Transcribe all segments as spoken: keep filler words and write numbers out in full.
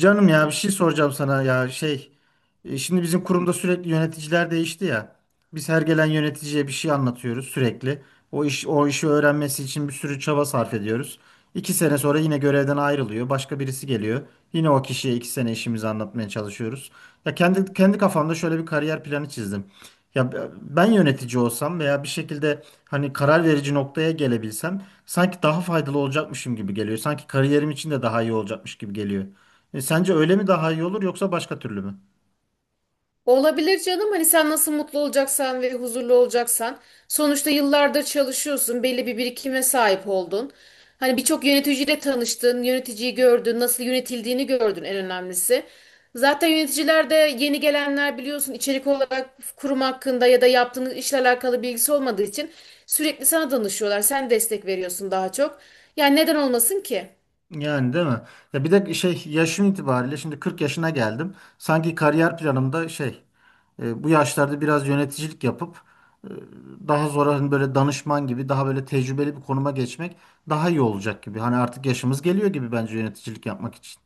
Canım, ya bir şey soracağım sana ya şey e, şimdi bizim kurumda sürekli yöneticiler değişti ya. Biz her gelen yöneticiye bir şey anlatıyoruz sürekli. O iş o işi öğrenmesi için bir sürü çaba sarf ediyoruz. iki sene sonra yine görevden ayrılıyor. Başka birisi geliyor. Yine o kişiye iki sene işimizi anlatmaya çalışıyoruz. Ya kendi kendi kafamda şöyle bir kariyer planı çizdim. Ya ben yönetici olsam veya bir şekilde hani karar verici noktaya gelebilsem sanki daha faydalı olacakmışım gibi geliyor. Sanki kariyerim için de daha iyi olacakmış gibi geliyor. E, sence öyle mi daha iyi olur yoksa başka türlü mü? Olabilir canım, hani sen nasıl mutlu olacaksan ve huzurlu olacaksan, sonuçta yıllardır çalışıyorsun, belli bir birikime sahip oldun. Hani birçok yöneticiyle tanıştın, yöneticiyi gördün, nasıl yönetildiğini gördün en önemlisi. Zaten yöneticiler de, yeni gelenler biliyorsun, içerik olarak kurum hakkında ya da yaptığınız işle alakalı bilgisi olmadığı için sürekli sana danışıyorlar. Sen destek veriyorsun daha çok. Yani neden olmasın ki? Yani değil mi? Ya bir de şey yaşım itibariyle şimdi kırk yaşına geldim. Sanki kariyer planımda şey e, bu yaşlarda biraz yöneticilik yapıp e, daha sonra hani böyle danışman gibi daha böyle tecrübeli bir konuma geçmek daha iyi olacak gibi. Hani artık yaşımız geliyor gibi bence yöneticilik yapmak için.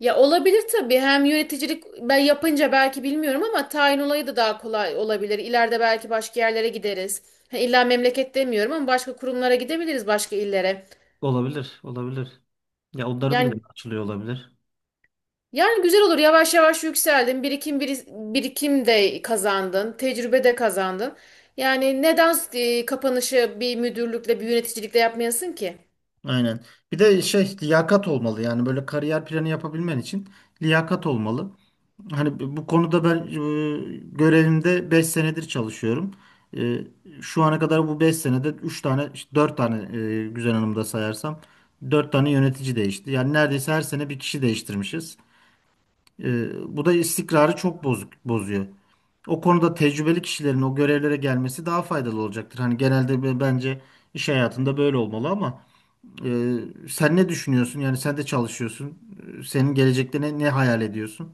Ya olabilir tabii. Hem yöneticilik ben yapınca belki bilmiyorum ama tayin olayı da daha kolay olabilir. İleride belki başka yerlere gideriz. Ha, İlla memleket demiyorum ama başka kurumlara gidebiliriz, başka illere. Yani yani güzel olur. Yavaş yavaş yükseldin. Birikim biri- birikim de kazandın. Tecrübe de kazandın. Yani neden e, kapanışı bir müdürlükle, bir yöneticilikle yapmayasın ki? Aynen. Bir de şey liyakat olmalı, yani böyle kariyer planı yapabilmen için liyakat olmalı. Hani bu konuda ben e, görevimde beş senedir çalışıyorum. E, Şu ana kadar bu beş senede üç tane, işte dört tane, e, Güzel Hanım'da sayarsam dört tane yönetici değişti. Yani neredeyse her sene bir kişi değiştirmişiz. E, bu da istikrarı çok bozuk, bozuyor. O konuda tecrübeli kişilerin o görevlere gelmesi daha faydalı olacaktır. Hani genelde be- bence iş hayatında böyle olmalı, ama ee, sen ne düşünüyorsun? Yani sen de çalışıyorsun. Ee, Senin gelecekte ne, ne hayal ediyorsun?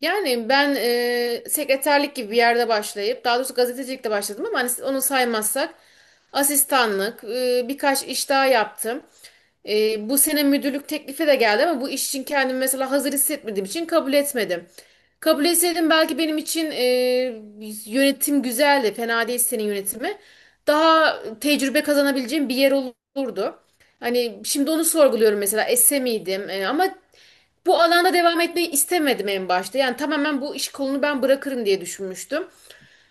Yani ben e, sekreterlik gibi bir yerde başlayıp, daha doğrusu gazetecilikte başladım, ama hani onu saymazsak asistanlık, e, birkaç iş daha yaptım. E, bu sene müdürlük teklifi de geldi ama bu iş için kendimi mesela hazır hissetmediğim için kabul etmedim. Kabul etseydim belki benim için e, yönetim güzeldi, fena değil senin yönetimi. Daha tecrübe kazanabileceğim bir yer olurdu. Hani şimdi onu sorguluyorum mesela, esse miydim? E, ama bu alanda devam etmeyi istemedim en başta. Yani tamamen bu iş kolunu ben bırakırım diye düşünmüştüm.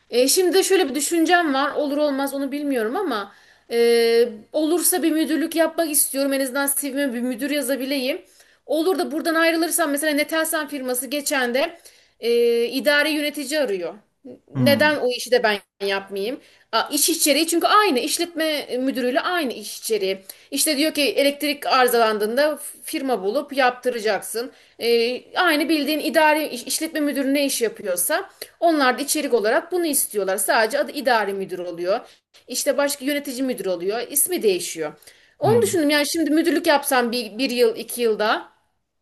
E, şimdi de şöyle bir düşüncem var. Olur olmaz onu bilmiyorum ama e, olursa bir müdürlük yapmak istiyorum. En azından si vi'me bir müdür yazabileyim. Olur da buradan ayrılırsam, mesela Netelsan firması geçen de e, idari yönetici arıyor. Hmm, Neden o işi de ben yapmayayım? A, iş içeriği çünkü aynı, işletme müdürüyle aynı iş içeriği. İşte diyor ki, elektrik arızalandığında firma bulup yaptıracaksın. E, aynı bildiğin idari iş- işletme müdürü ne iş yapıyorsa, onlar da içerik olarak bunu istiyorlar. Sadece adı idari müdür oluyor. İşte başka yönetici müdür oluyor. İsmi değişiyor. Onu hmm. düşündüm. Yani şimdi müdürlük yapsam bir, bir yıl, iki yılda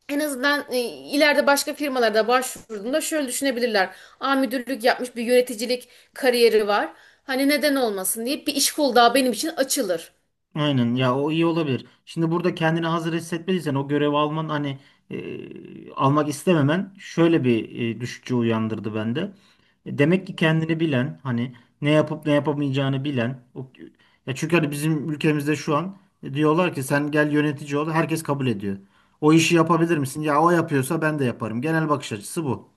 en azından e, ileride başka firmalarda başvurduğumda şöyle düşünebilirler: aa, müdürlük yapmış, bir yöneticilik kariyeri var. Hani neden olmasın deyip bir iş kolu daha benim için açılır. Aynen ya, o iyi olabilir. Şimdi burada kendini hazır hissetmediysen o görevi alman hani, e, almak istememen şöyle bir e, düşünce uyandırdı bende. E, Demek ki kendini bilen, hani ne yapıp ne yapamayacağını bilen o, ya çünkü hani bizim ülkemizde şu an e, diyorlar ki sen gel yönetici ol, herkes kabul ediyor. O işi yapabilir misin? Ya o yapıyorsa ben de yaparım. Genel bakış açısı bu.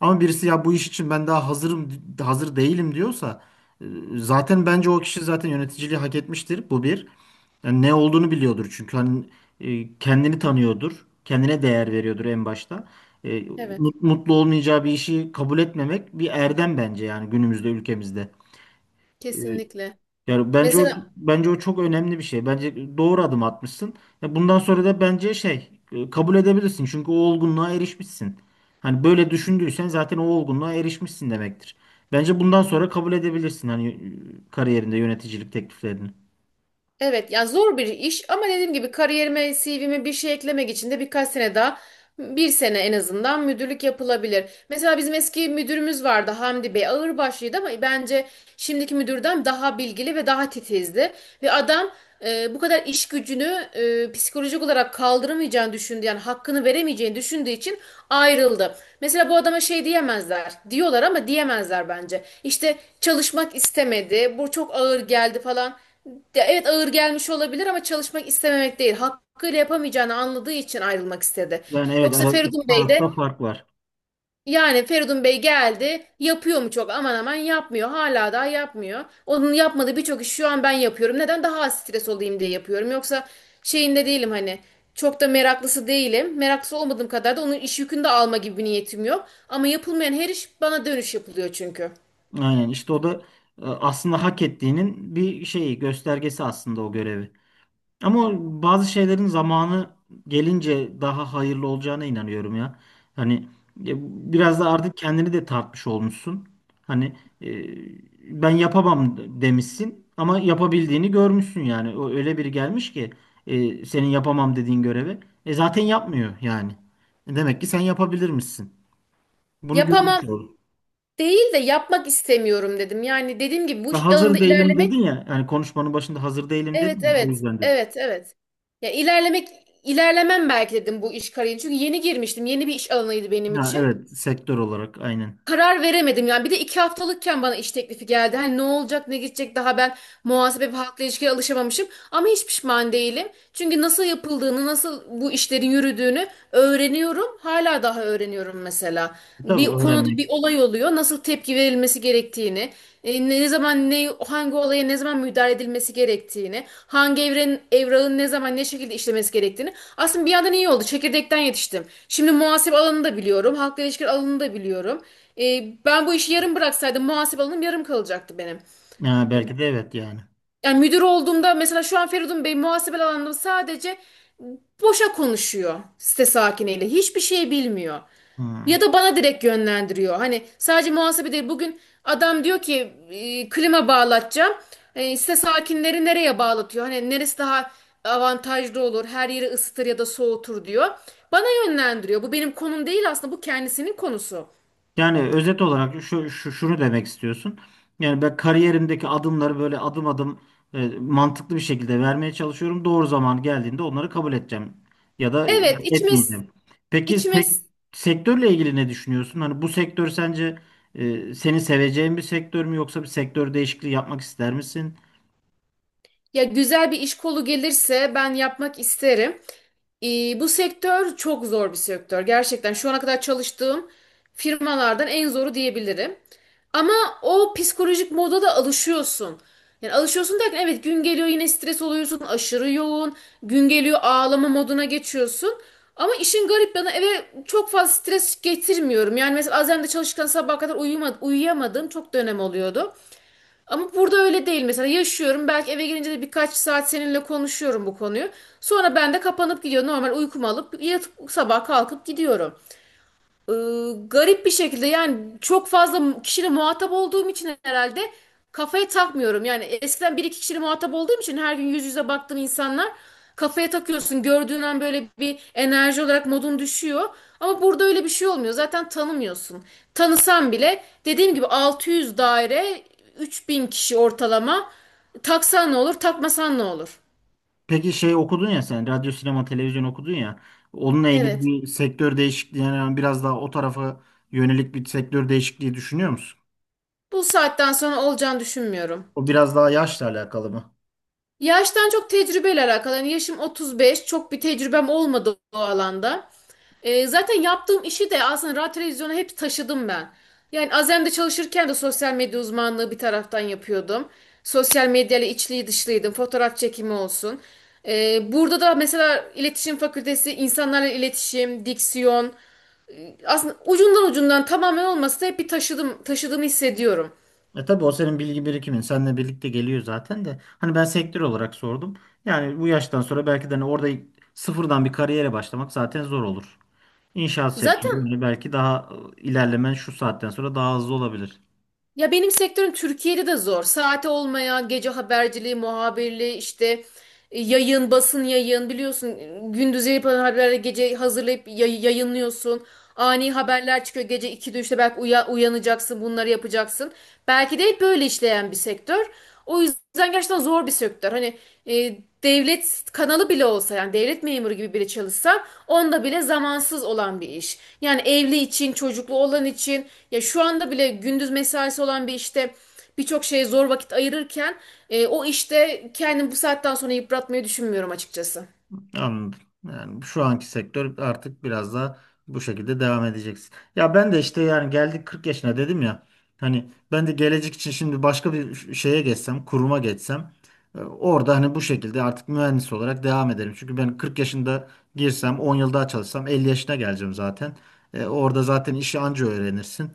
Ama birisi ya bu iş için ben daha hazırım, hazır değilim diyorsa, e, zaten bence o kişi zaten yöneticiliği hak etmiştir. Bu bir. Yani ne olduğunu biliyordur, çünkü hani e, kendini tanıyordur. Kendine değer veriyordur en başta. E, Evet, mut- Mutlu olmayacağı bir işi kabul etmemek bir erdem bence, yani günümüzde ülkemizde. E, kesinlikle. Yani bence o Mesela bence o çok önemli bir şey. Bence doğru adım atmışsın. Ya bundan sonra da bence şey e, kabul edebilirsin. Çünkü o olgunluğa erişmişsin. Hani böyle düşündüysen zaten o olgunluğa erişmişsin demektir. Bence bundan sonra kabul edebilirsin, hani e, kariyerinde yöneticilik tekliflerini. Evet ya, zor bir iş ama dediğim gibi, kariyerime, si vi'me bir şey eklemek için de birkaç sene daha, bir sene en azından müdürlük yapılabilir. Mesela bizim eski müdürümüz vardı, Hamdi Bey, ağırbaşlıydı ama bence şimdiki müdürden daha bilgili ve daha titizdi. Ve adam e, bu kadar iş gücünü e, psikolojik olarak kaldıramayacağını düşündü, yani hakkını veremeyeceğini düşündüğü için ayrıldı. Mesela bu adama şey diyemezler, diyorlar ama diyemezler bence. İşte çalışmak istemedi, bu çok ağır geldi falan. Ya evet, ağır gelmiş olabilir ama çalışmak istememek değil. Hakkıyla yapamayacağını anladığı için ayrılmak istedi. Yani evet, Yoksa ara, iki Feridun Bey de, tarafta fark var. yani Feridun Bey geldi, yapıyor mu çok aman aman? Yapmıyor. Hala daha yapmıyor. Onun yapmadığı birçok işi şu an ben yapıyorum. Neden? Daha az stres olayım diye yapıyorum. Yoksa şeyinde değilim, hani çok da meraklısı değilim. Meraklısı olmadığım kadar da onun iş yükünü de alma gibi bir niyetim yok. Ama yapılmayan her iş bana dönüş yapılıyor çünkü. Aynen, işte o da e, aslında hak ettiğinin bir şeyi göstergesi, aslında o görevi. Ama o, bazı şeylerin zamanı gelince daha hayırlı olacağına inanıyorum ya. Hani ya biraz da artık kendini de tartmış olmuşsun. Hani e, ben yapamam demişsin ama yapabildiğini görmüşsün yani. O öyle biri gelmiş ki e, senin yapamam dediğin görevi. E zaten yapmıyor yani. E demek ki sen yapabilirmişsin. Bunu görmüş Yapamam oldum. değil de, yapmak istemiyorum dedim. Yani dediğim gibi bu Ve iş alanında hazır değilim dedin ilerlemek, ya. Yani konuşmanın başında hazır değilim dedin, evet ya, o evet yüzden dedim. evet evet. Ya, ilerlemek, ilerlemem belki dedim bu iş kariyeri. Çünkü yeni girmiştim. Yeni bir iş alanıydı benim Ha, için, evet, sektör olarak aynen. karar veremedim yani. Bir de iki haftalıkken bana iş teklifi geldi. Hani ne olacak ne gidecek, daha ben muhasebe ve halkla ilişkiye alışamamışım. Ama hiç pişman değilim. Çünkü nasıl yapıldığını, nasıl bu işlerin yürüdüğünü öğreniyorum. Hala daha öğreniyorum mesela. Tabii Bir konuda bir öğrenmek. olay oluyor, nasıl tepki verilmesi gerektiğini, e, ne zaman, ne hangi olaya ne zaman müdahale edilmesi gerektiğini, hangi evrenin, evrağın ne zaman ne şekilde işlemesi gerektiğini. Aslında bir yandan iyi oldu. Çekirdekten yetiştim. Şimdi muhasebe alanını da biliyorum. Halkla ilişkiler alanını da biliyorum. Ee, ben bu işi yarım bıraksaydım muhasebe alanım yarım kalacaktı benim. Ya belki de, evet yani. Yani müdür olduğumda mesela, şu an Feridun Bey muhasebe alanında sadece boşa konuşuyor site sakiniyle. Hiçbir şey bilmiyor. Ya Hmm. da bana direkt yönlendiriyor. Hani sadece muhasebe değil. Bugün adam diyor ki e, klima bağlatacağım. E, size sakinleri nereye bağlatıyor, hani neresi daha avantajlı olur, her yeri ısıtır ya da soğutur diyor. Bana yönlendiriyor. Bu benim konum değil aslında. Bu kendisinin konusu. Yani özet olarak, şu, şu şunu demek istiyorsun. Yani ben kariyerimdeki adımları böyle adım adım e, mantıklı bir şekilde vermeye çalışıyorum. Doğru zaman geldiğinde onları kabul edeceğim, ya da e, Evet, içime etmeyeceğim. Peki içime sek- sektörle ilgili ne düşünüyorsun? Hani bu sektör sence e, seni seveceğin bir sektör mü, yoksa bir sektör değişikliği yapmak ister misin? Ya, güzel bir iş kolu gelirse ben yapmak isterim. Ee, bu sektör çok zor bir sektör. Gerçekten şu ana kadar çalıştığım firmalardan en zoru diyebilirim. Ama o psikolojik moda da alışıyorsun. Yani alışıyorsun derken, evet, gün geliyor yine stres oluyorsun, aşırı yoğun. Gün geliyor ağlama moduna geçiyorsun. Ama işin garip yanı, eve çok fazla stres getirmiyorum. Yani mesela Azem'de çalışırken sabaha kadar uyuma, uyuyamadığım çok dönem oluyordu. Ama burada öyle değil mesela, yaşıyorum belki eve gelince de birkaç saat seninle konuşuyorum bu konuyu. Sonra ben de kapanıp gidiyorum, normal uykumu alıp yatıp sabah kalkıp gidiyorum. Ee, Garip bir şekilde yani, çok fazla kişiyle muhatap olduğum için herhalde kafaya takmıyorum. Yani eskiden bir iki kişiyle muhatap olduğum için, her gün yüz yüze baktığım insanlar, kafaya takıyorsun. Gördüğün an böyle bir enerji olarak modun düşüyor. Ama burada öyle bir şey olmuyor. Zaten tanımıyorsun. Tanısan bile, dediğim gibi altı yüz daire, üç bin kişi ortalama. Taksan ne olur, takmasan ne olur? Peki şey, okudun ya sen, radyo, sinema, televizyon okudun ya. Onunla ilgili Evet. bir sektör değişikliği, yani biraz daha o tarafa yönelik bir sektör değişikliği düşünüyor musun? Bu saatten sonra olacağını düşünmüyorum. O biraz daha yaşla alakalı mı? Yaştan çok tecrübeyle alakalı. Yani yaşım otuz beş, çok bir tecrübem olmadı o alanda. Ee, zaten yaptığım işi de aslında radyo televizyona hep taşıdım ben. Yani Azem'de çalışırken de sosyal medya uzmanlığı bir taraftan yapıyordum. Sosyal medyayla içli dışlıydım. Fotoğraf çekimi olsun. Ee, burada da mesela iletişim fakültesi, insanlarla iletişim, diksiyon. Aslında ucundan ucundan, tamamen olmasa da, hep bir taşıdım, taşıdığımı hissediyorum. E tabii, o senin bilgi birikimin. Seninle birlikte geliyor zaten de. Hani ben sektör olarak sordum. Yani bu yaştan sonra belki de hani orada sıfırdan bir kariyere başlamak zaten zor olur. İnşaat sektörü Zaten hani belki daha e, ilerlemen şu saatten sonra daha hızlı olabilir. Ya benim sektörüm Türkiye'de de zor. Saati olmayan gece haberciliği, muhabirliği, işte e, yayın, basın yayın biliyorsun. e, Gündüz yapılan haberleri gece hazırlayıp yay- yayınlıyorsun. Ani haberler çıkıyor, gece ikide, üçte belki uya- uyanacaksın, bunları yapacaksın. Belki de hep böyle işleyen bir sektör. O yüzden gerçekten zor bir sektör. Hani e, devlet kanalı bile olsa, yani devlet memuru gibi biri çalışsa, onda bile zamansız olan bir iş. Yani evli için, çocuklu olan için, ya şu anda bile gündüz mesaisi olan bir işte birçok şeye zor vakit ayırırken, e, o işte kendimi bu saatten sonra yıpratmayı düşünmüyorum açıkçası. Anladım. Yani şu anki sektör artık biraz da bu şekilde devam edeceksin. Ya ben de işte, yani geldik kırk yaşına dedim ya. Hani ben de gelecek için şimdi başka bir şeye geçsem, kuruma geçsem, e, orada hani bu şekilde artık mühendis olarak devam ederim. Çünkü ben kırk yaşında girsem on yıl daha çalışsam elli yaşına geleceğim zaten. E, orada zaten işi anca öğrenirsin.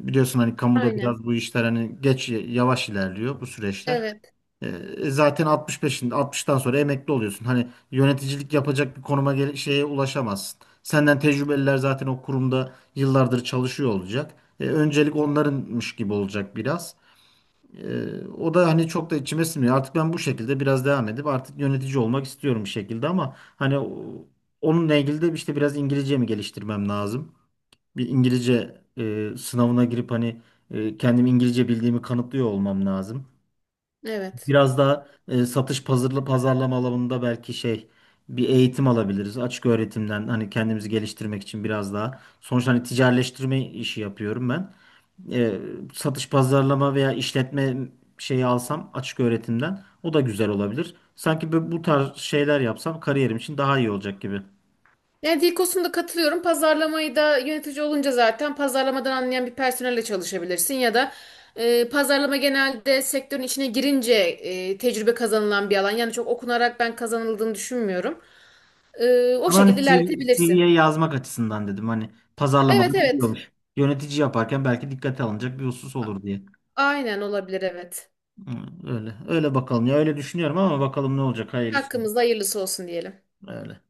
E, biliyorsun hani kamuda Aynen. biraz bu işler hani geç, yavaş ilerliyor bu süreçler. Evet, E, zaten altmış beşin altmıştan sonra emekli oluyorsun. Hani yöneticilik yapacak bir konuma gel- şeye ulaşamazsın. Senden tecrübeliler zaten o kurumda yıllardır çalışıyor olacak. E, öncelik onlarınmış gibi olacak biraz. E, o da hani çok da içime sinmiyor. Artık ben bu şekilde biraz devam edip artık yönetici olmak istiyorum bir şekilde, ama hani o- onunla ilgili de işte biraz İngilizce mi geliştirmem lazım? Bir İngilizce e, sınavına girip hani e, kendim İngilizce bildiğimi kanıtlıyor olmam lazım. evet. Biraz daha e, satış pazarla pazarlama alanında belki şey bir eğitim alabiliriz. Açık öğretimden, hani kendimizi geliştirmek için biraz daha. Sonuçta hani ticaretleştirme işi yapıyorum ben. E, Satış pazarlama veya işletme şeyi alsam açık öğretimden, o da güzel olabilir. Sanki bu, bu tarz şeyler yapsam kariyerim için daha iyi olacak gibi. Yani dil, katılıyorum. Pazarlamayı da yönetici olunca zaten pazarlamadan anlayan bir personelle çalışabilirsin, ya da e, pazarlama genelde sektörün içine girince e, tecrübe kazanılan bir alan. Yani çok okunarak ben kazanıldığını düşünmüyorum. E, o Ama şekilde hani C V'ye ilerletebilirsin. yazmak açısından dedim, hani Evet pazarlamada evet. biliyormuş. Yönetici yaparken belki dikkate alınacak bir husus A, olur diye. aynen, olabilir, evet. Hı. Öyle. Öyle bakalım ya. Öyle düşünüyorum ama bakalım ne olacak. Hayırlısı. Hakkımızda hayırlısı olsun diyelim. Öyle.